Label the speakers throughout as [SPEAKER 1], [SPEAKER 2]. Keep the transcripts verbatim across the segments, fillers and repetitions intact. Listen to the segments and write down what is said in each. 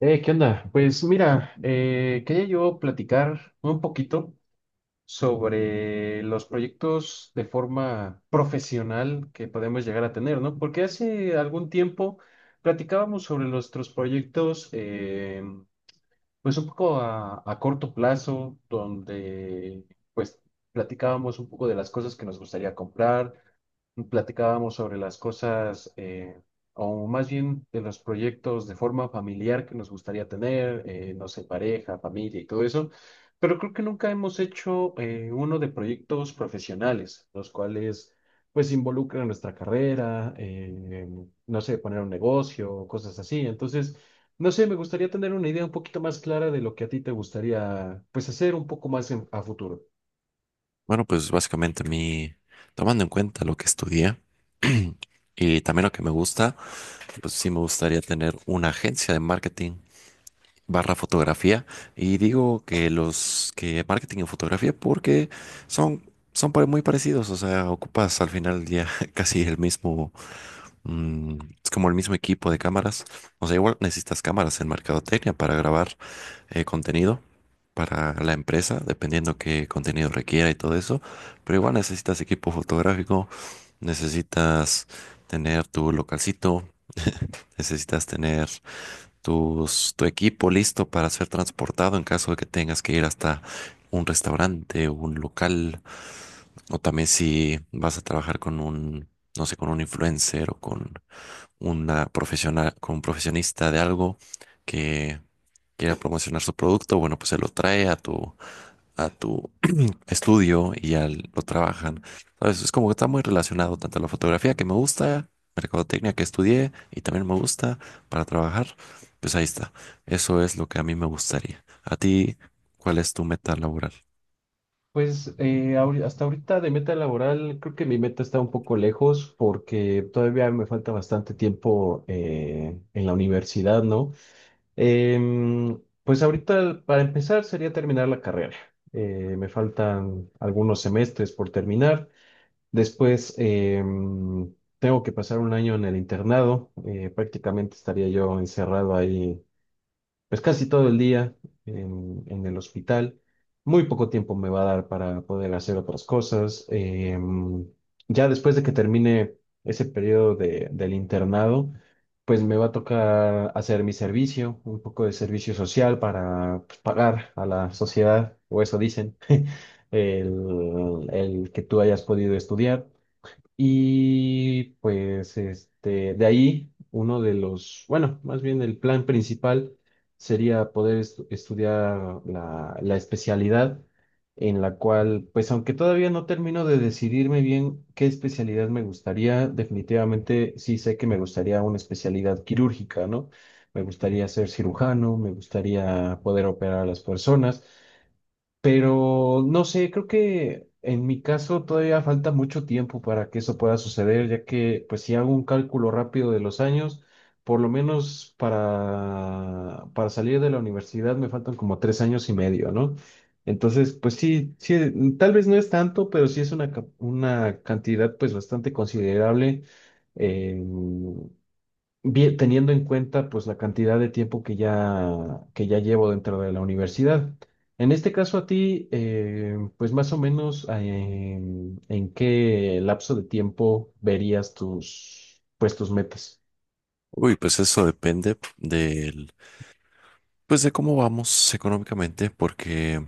[SPEAKER 1] Eh, ¿qué onda? Pues mira, eh, quería yo platicar un poquito sobre los proyectos de forma profesional que podemos llegar a tener, ¿no? Porque hace algún tiempo platicábamos sobre nuestros proyectos, eh, pues un poco a, a corto plazo, donde pues platicábamos un poco de las cosas que nos gustaría comprar. Platicábamos sobre las cosas, eh, o más bien de los proyectos de forma familiar que nos gustaría tener, eh, no sé, pareja, familia y todo eso, pero creo que nunca hemos hecho eh, uno de proyectos profesionales, los cuales pues involucran nuestra carrera, eh, no sé, poner un negocio, cosas así. Entonces, no sé, me gustaría tener una idea un poquito más clara de lo que a ti te gustaría pues hacer un poco más en- a futuro.
[SPEAKER 2] Bueno, pues básicamente a mí, tomando en cuenta lo que estudié y también lo que me gusta, pues sí me gustaría tener una agencia de marketing barra fotografía. Y digo que los que marketing y fotografía porque son, son pare- muy parecidos, o sea, ocupas al final del día casi el mismo, mm, es como el mismo equipo de cámaras. O sea, igual necesitas cámaras en mercadotecnia para grabar eh, contenido para la empresa, dependiendo qué contenido requiera y todo eso. Pero igual necesitas equipo fotográfico, necesitas tener tu localcito, necesitas tener tus, tu equipo listo para ser transportado en caso de que tengas que ir hasta un restaurante, o un local, o también si vas a trabajar con un, no sé, con un influencer o con una profesional, con un profesionista de algo que quiera promocionar su producto, bueno, pues se lo trae a tu a tu estudio y ya lo trabajan. ¿Sabes? Es como que está muy relacionado tanto a la fotografía que me gusta, mercadotecnia que estudié y también me gusta para trabajar. Pues ahí está. Eso es lo que a mí me gustaría. ¿A ti cuál es tu meta laboral?
[SPEAKER 1] Pues eh, ahori- hasta ahorita de meta laboral, creo que mi meta está un poco lejos porque todavía me falta bastante tiempo eh, en la universidad, ¿no? Em, pues ahorita para empezar sería terminar la carrera. Eh, me faltan algunos semestres por terminar. Después em, tengo que pasar un año en el internado. Eh, prácticamente estaría yo encerrado ahí pues casi todo el día en, en el hospital. Muy poco tiempo me va a dar para poder hacer otras cosas. Em, ya después de que termine ese periodo de- del internado, pues me va a tocar hacer mi servicio, un poco de servicio social para, pues, pagar a la sociedad, o eso dicen, el, el que tú hayas podido estudiar. Y pues este, de ahí uno de los, bueno, más bien el plan principal sería poder estu- estudiar la, la especialidad en la cual, pues aunque todavía no termino de decidirme bien qué especialidad me gustaría, definitivamente sí sé que me gustaría una especialidad quirúrgica, ¿no? Me gustaría ser cirujano, me gustaría poder operar a las personas. Pero no sé, creo que en mi caso todavía falta mucho tiempo para que eso pueda suceder, ya que pues si hago un cálculo rápido de los años, por lo menos para, para salir de la universidad me faltan como tres años y medio, ¿no? Entonces, pues sí, sí, mm, tal vez no es tanto, pero sí es una, ca- una cantidad pues bastante considerable. Eh, vi- teniendo en cuenta pues la cantidad de tiempo que ya, que ya llevo dentro de la universidad. En este caso a ti, eh, pues más o menos, eh, en qué lapso de tiempo verías tus, pues tus metas.
[SPEAKER 2] Uy, pues eso depende del, pues de cómo vamos económicamente, porque,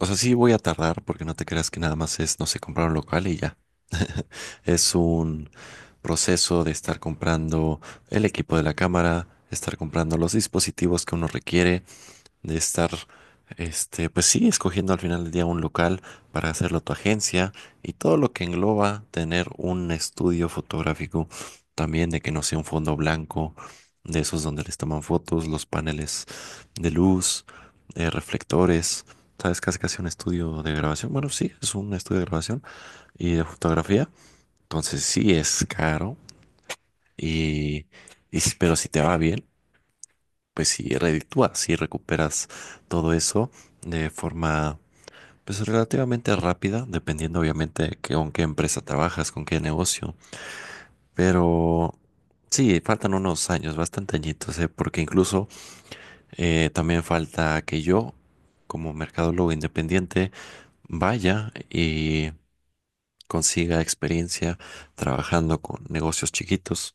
[SPEAKER 2] o sea, sí voy a tardar, porque no te creas que nada más es, no sé, comprar un local y ya. Es un proceso de estar comprando el equipo de la cámara, estar comprando los dispositivos que uno requiere, de estar, este, pues sí, escogiendo al final del día un local para hacerlo tu agencia y todo lo que engloba tener un estudio fotográfico, también de que no sea un fondo blanco, de esos donde les toman fotos, los paneles de luz, eh, reflectores. ¿Sabes? Casi casi un estudio de grabación. Bueno, sí, es un estudio de grabación y de fotografía. Entonces sí es caro y, y si- pero si te va bien, pues si reditúas, si recuperas todo eso de forma pues relativamente rápida, dependiendo obviamente que con qué empresa trabajas, con qué negocio. Pero sí, faltan unos años, bastante añitos, ¿eh? Porque incluso eh, también falta que yo, como mercadólogo independiente, vaya y consiga experiencia trabajando con negocios chiquitos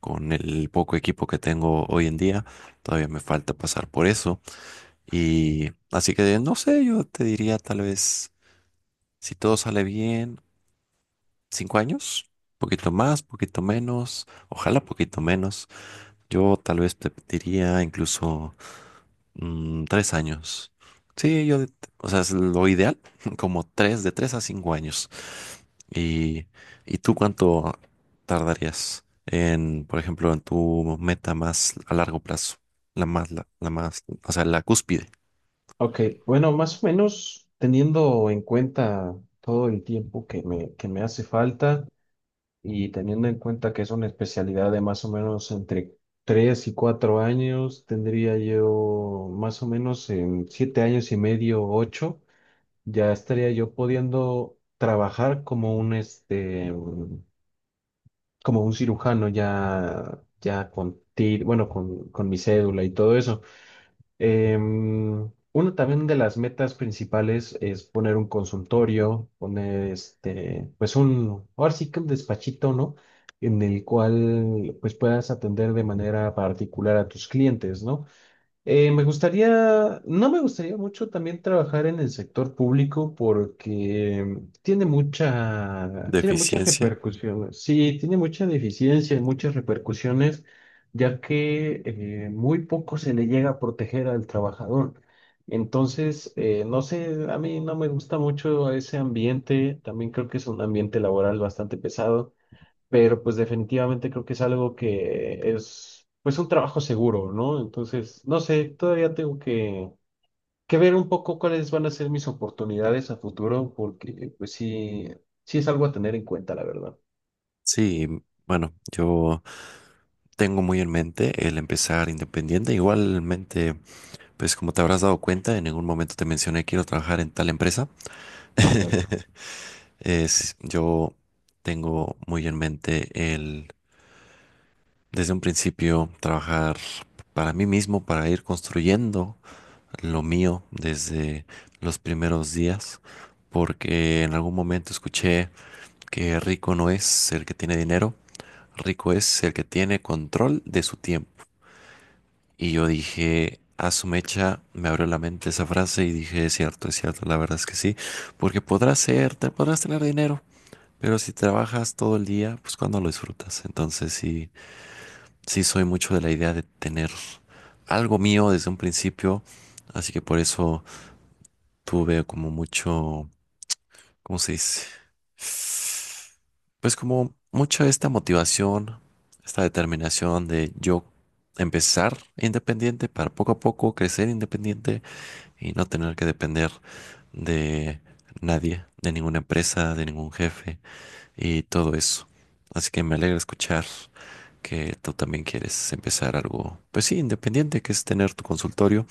[SPEAKER 2] con el poco equipo que tengo hoy en día. Todavía me falta pasar por eso. Y así que no sé, yo te diría tal vez, si todo sale bien, cinco años, poquito más, poquito menos, ojalá poquito menos. Yo tal vez te diría incluso Mm, tres años. Sí, yo, o sea, es lo ideal, como tres, de tres a cinco años. ¿Y, y tú cuánto tardarías en, por ejemplo, en tu meta más a largo plazo? La más, la, la más, o sea, la cúspide
[SPEAKER 1] Ok, bueno, más o menos teniendo en cuenta todo el tiempo que me, que me hace falta. Y teniendo en cuenta que es una especialidad de más o menos entre tres y cuatro años, tendría yo más o menos en siete años y medio, ocho ya estaría yo pudiendo trabajar como un, este, un- como un cirujano ya, ya con tir, bueno, con, con mi cédula y todo eso. Em, uno también de las metas principales es poner un consultorio, poner este, pues un, ahora sí que un despachito, ¿no? En el cual pues puedas atender de manera particular a tus clientes, ¿no? Eh, me gustaría, no me gustaría mucho también trabajar en el sector público porque tiene mucha,
[SPEAKER 2] de
[SPEAKER 1] tiene muchas
[SPEAKER 2] eficiencia.
[SPEAKER 1] repercusiones. Sí, tiene mucha deficiencia y muchas repercusiones, ya que, eh, muy poco se le llega a proteger al trabajador. Entonces, eh, no sé, a mí no me gusta mucho ese ambiente. También creo que es un ambiente laboral bastante pesado, pero pues definitivamente creo que es algo que es, pues, un trabajo seguro, ¿no? Entonces, no sé, todavía tengo que, que ver un poco cuáles van a ser mis oportunidades a futuro, porque pues sí, sí es algo a tener en cuenta, la verdad.
[SPEAKER 2] Sí, bueno, yo tengo muy en mente el empezar independiente. Igualmente, pues como te habrás dado cuenta, en ningún momento te mencioné quiero trabajar en tal empresa.
[SPEAKER 1] Claro,
[SPEAKER 2] Es, yo tengo muy en mente el, desde un principio, trabajar para mí mismo, para ir construyendo lo mío desde los primeros días, porque en algún momento escuché que rico no es el que tiene dinero, rico es el que tiene control de su tiempo. Y yo dije, a su mecha, me abrió la mente esa frase y dije, es cierto, es cierto, la verdad es que sí, porque podrás ser, te podrás tener dinero. Pero si trabajas todo el día, pues cuando lo disfrutas. Entonces sí, sí soy mucho de la idea de tener algo mío desde un principio. Así que por eso tuve como mucho, ¿cómo se dice? Pues como mucha esta motivación, esta determinación de yo empezar independiente para poco a poco crecer independiente y no tener que depender de nadie, de ninguna empresa, de ningún jefe y todo eso. Así que me alegra escuchar que tú también quieres empezar algo, pues sí, independiente, que es tener tu consultorio,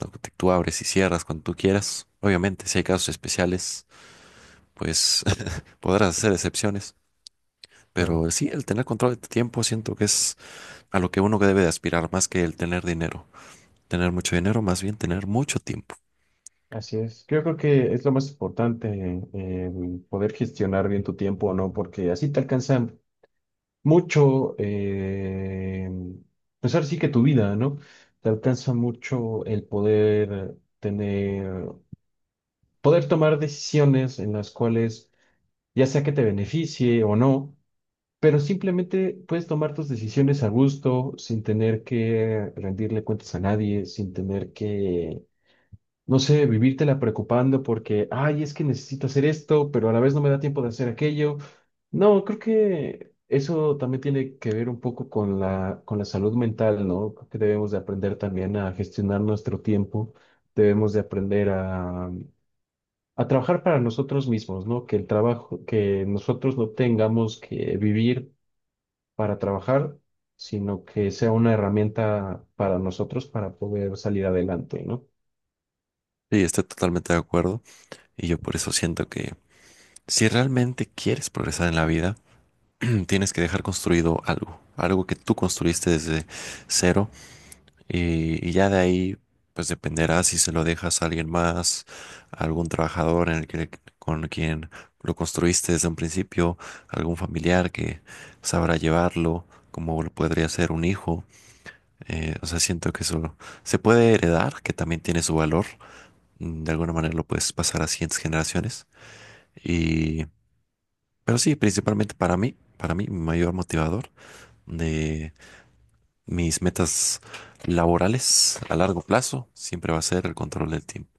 [SPEAKER 2] lo que tú abres y cierras cuando tú quieras. Obviamente, si hay casos especiales, pues podrás hacer excepciones.
[SPEAKER 1] claro.
[SPEAKER 2] Pero sí, el tener control de tu tiempo siento que es a lo que uno debe de aspirar más que el tener dinero. Tener mucho dinero, más bien tener mucho tiempo.
[SPEAKER 1] Así es. Yo creo que es lo más importante, el poder gestionar bien tu tiempo, ¿no? Porque así te alcanza mucho, eh, pues ahora sí que tu vida, ¿no? Te alcanza mucho el poder tener poder tomar decisiones en las cuales ya sea que te beneficie o no, pero simplemente puedes tomar tus decisiones a gusto, sin tener que rendirle cuentas a nadie, sin tener que, no sé, vivírtela preocupando porque, ay, es que necesito hacer esto, pero a la vez no me da tiempo de hacer aquello. No, creo que eso también tiene que ver un poco con la, con la salud mental, ¿no? Creo que debemos de aprender también a gestionar nuestro tiempo, debemos de aprender a a trabajar para nosotros mismos, ¿no? Que el trabajo, que nosotros no tengamos que vivir para trabajar, sino que sea una herramienta para nosotros para poder salir adelante, ¿no?
[SPEAKER 2] Sí, estoy totalmente de acuerdo. Y yo por eso siento que si realmente quieres progresar en la vida, tienes que dejar construido algo, algo que tú construiste desde cero y, y ya de ahí pues dependerá si se lo dejas a alguien más, a algún trabajador en el que, con quien lo construiste desde un principio, algún familiar que sabrá llevarlo, como lo podría ser un hijo. Eh, o sea, siento que eso se puede heredar, que también tiene su valor. Mm, de alguna manera lo puedes pasar a siguientes generaciones. Y, pero sí, principalmente para mí, para mí, mi mayor motivador de mis metas laborales a largo plazo siempre va a ser el control del tiempo.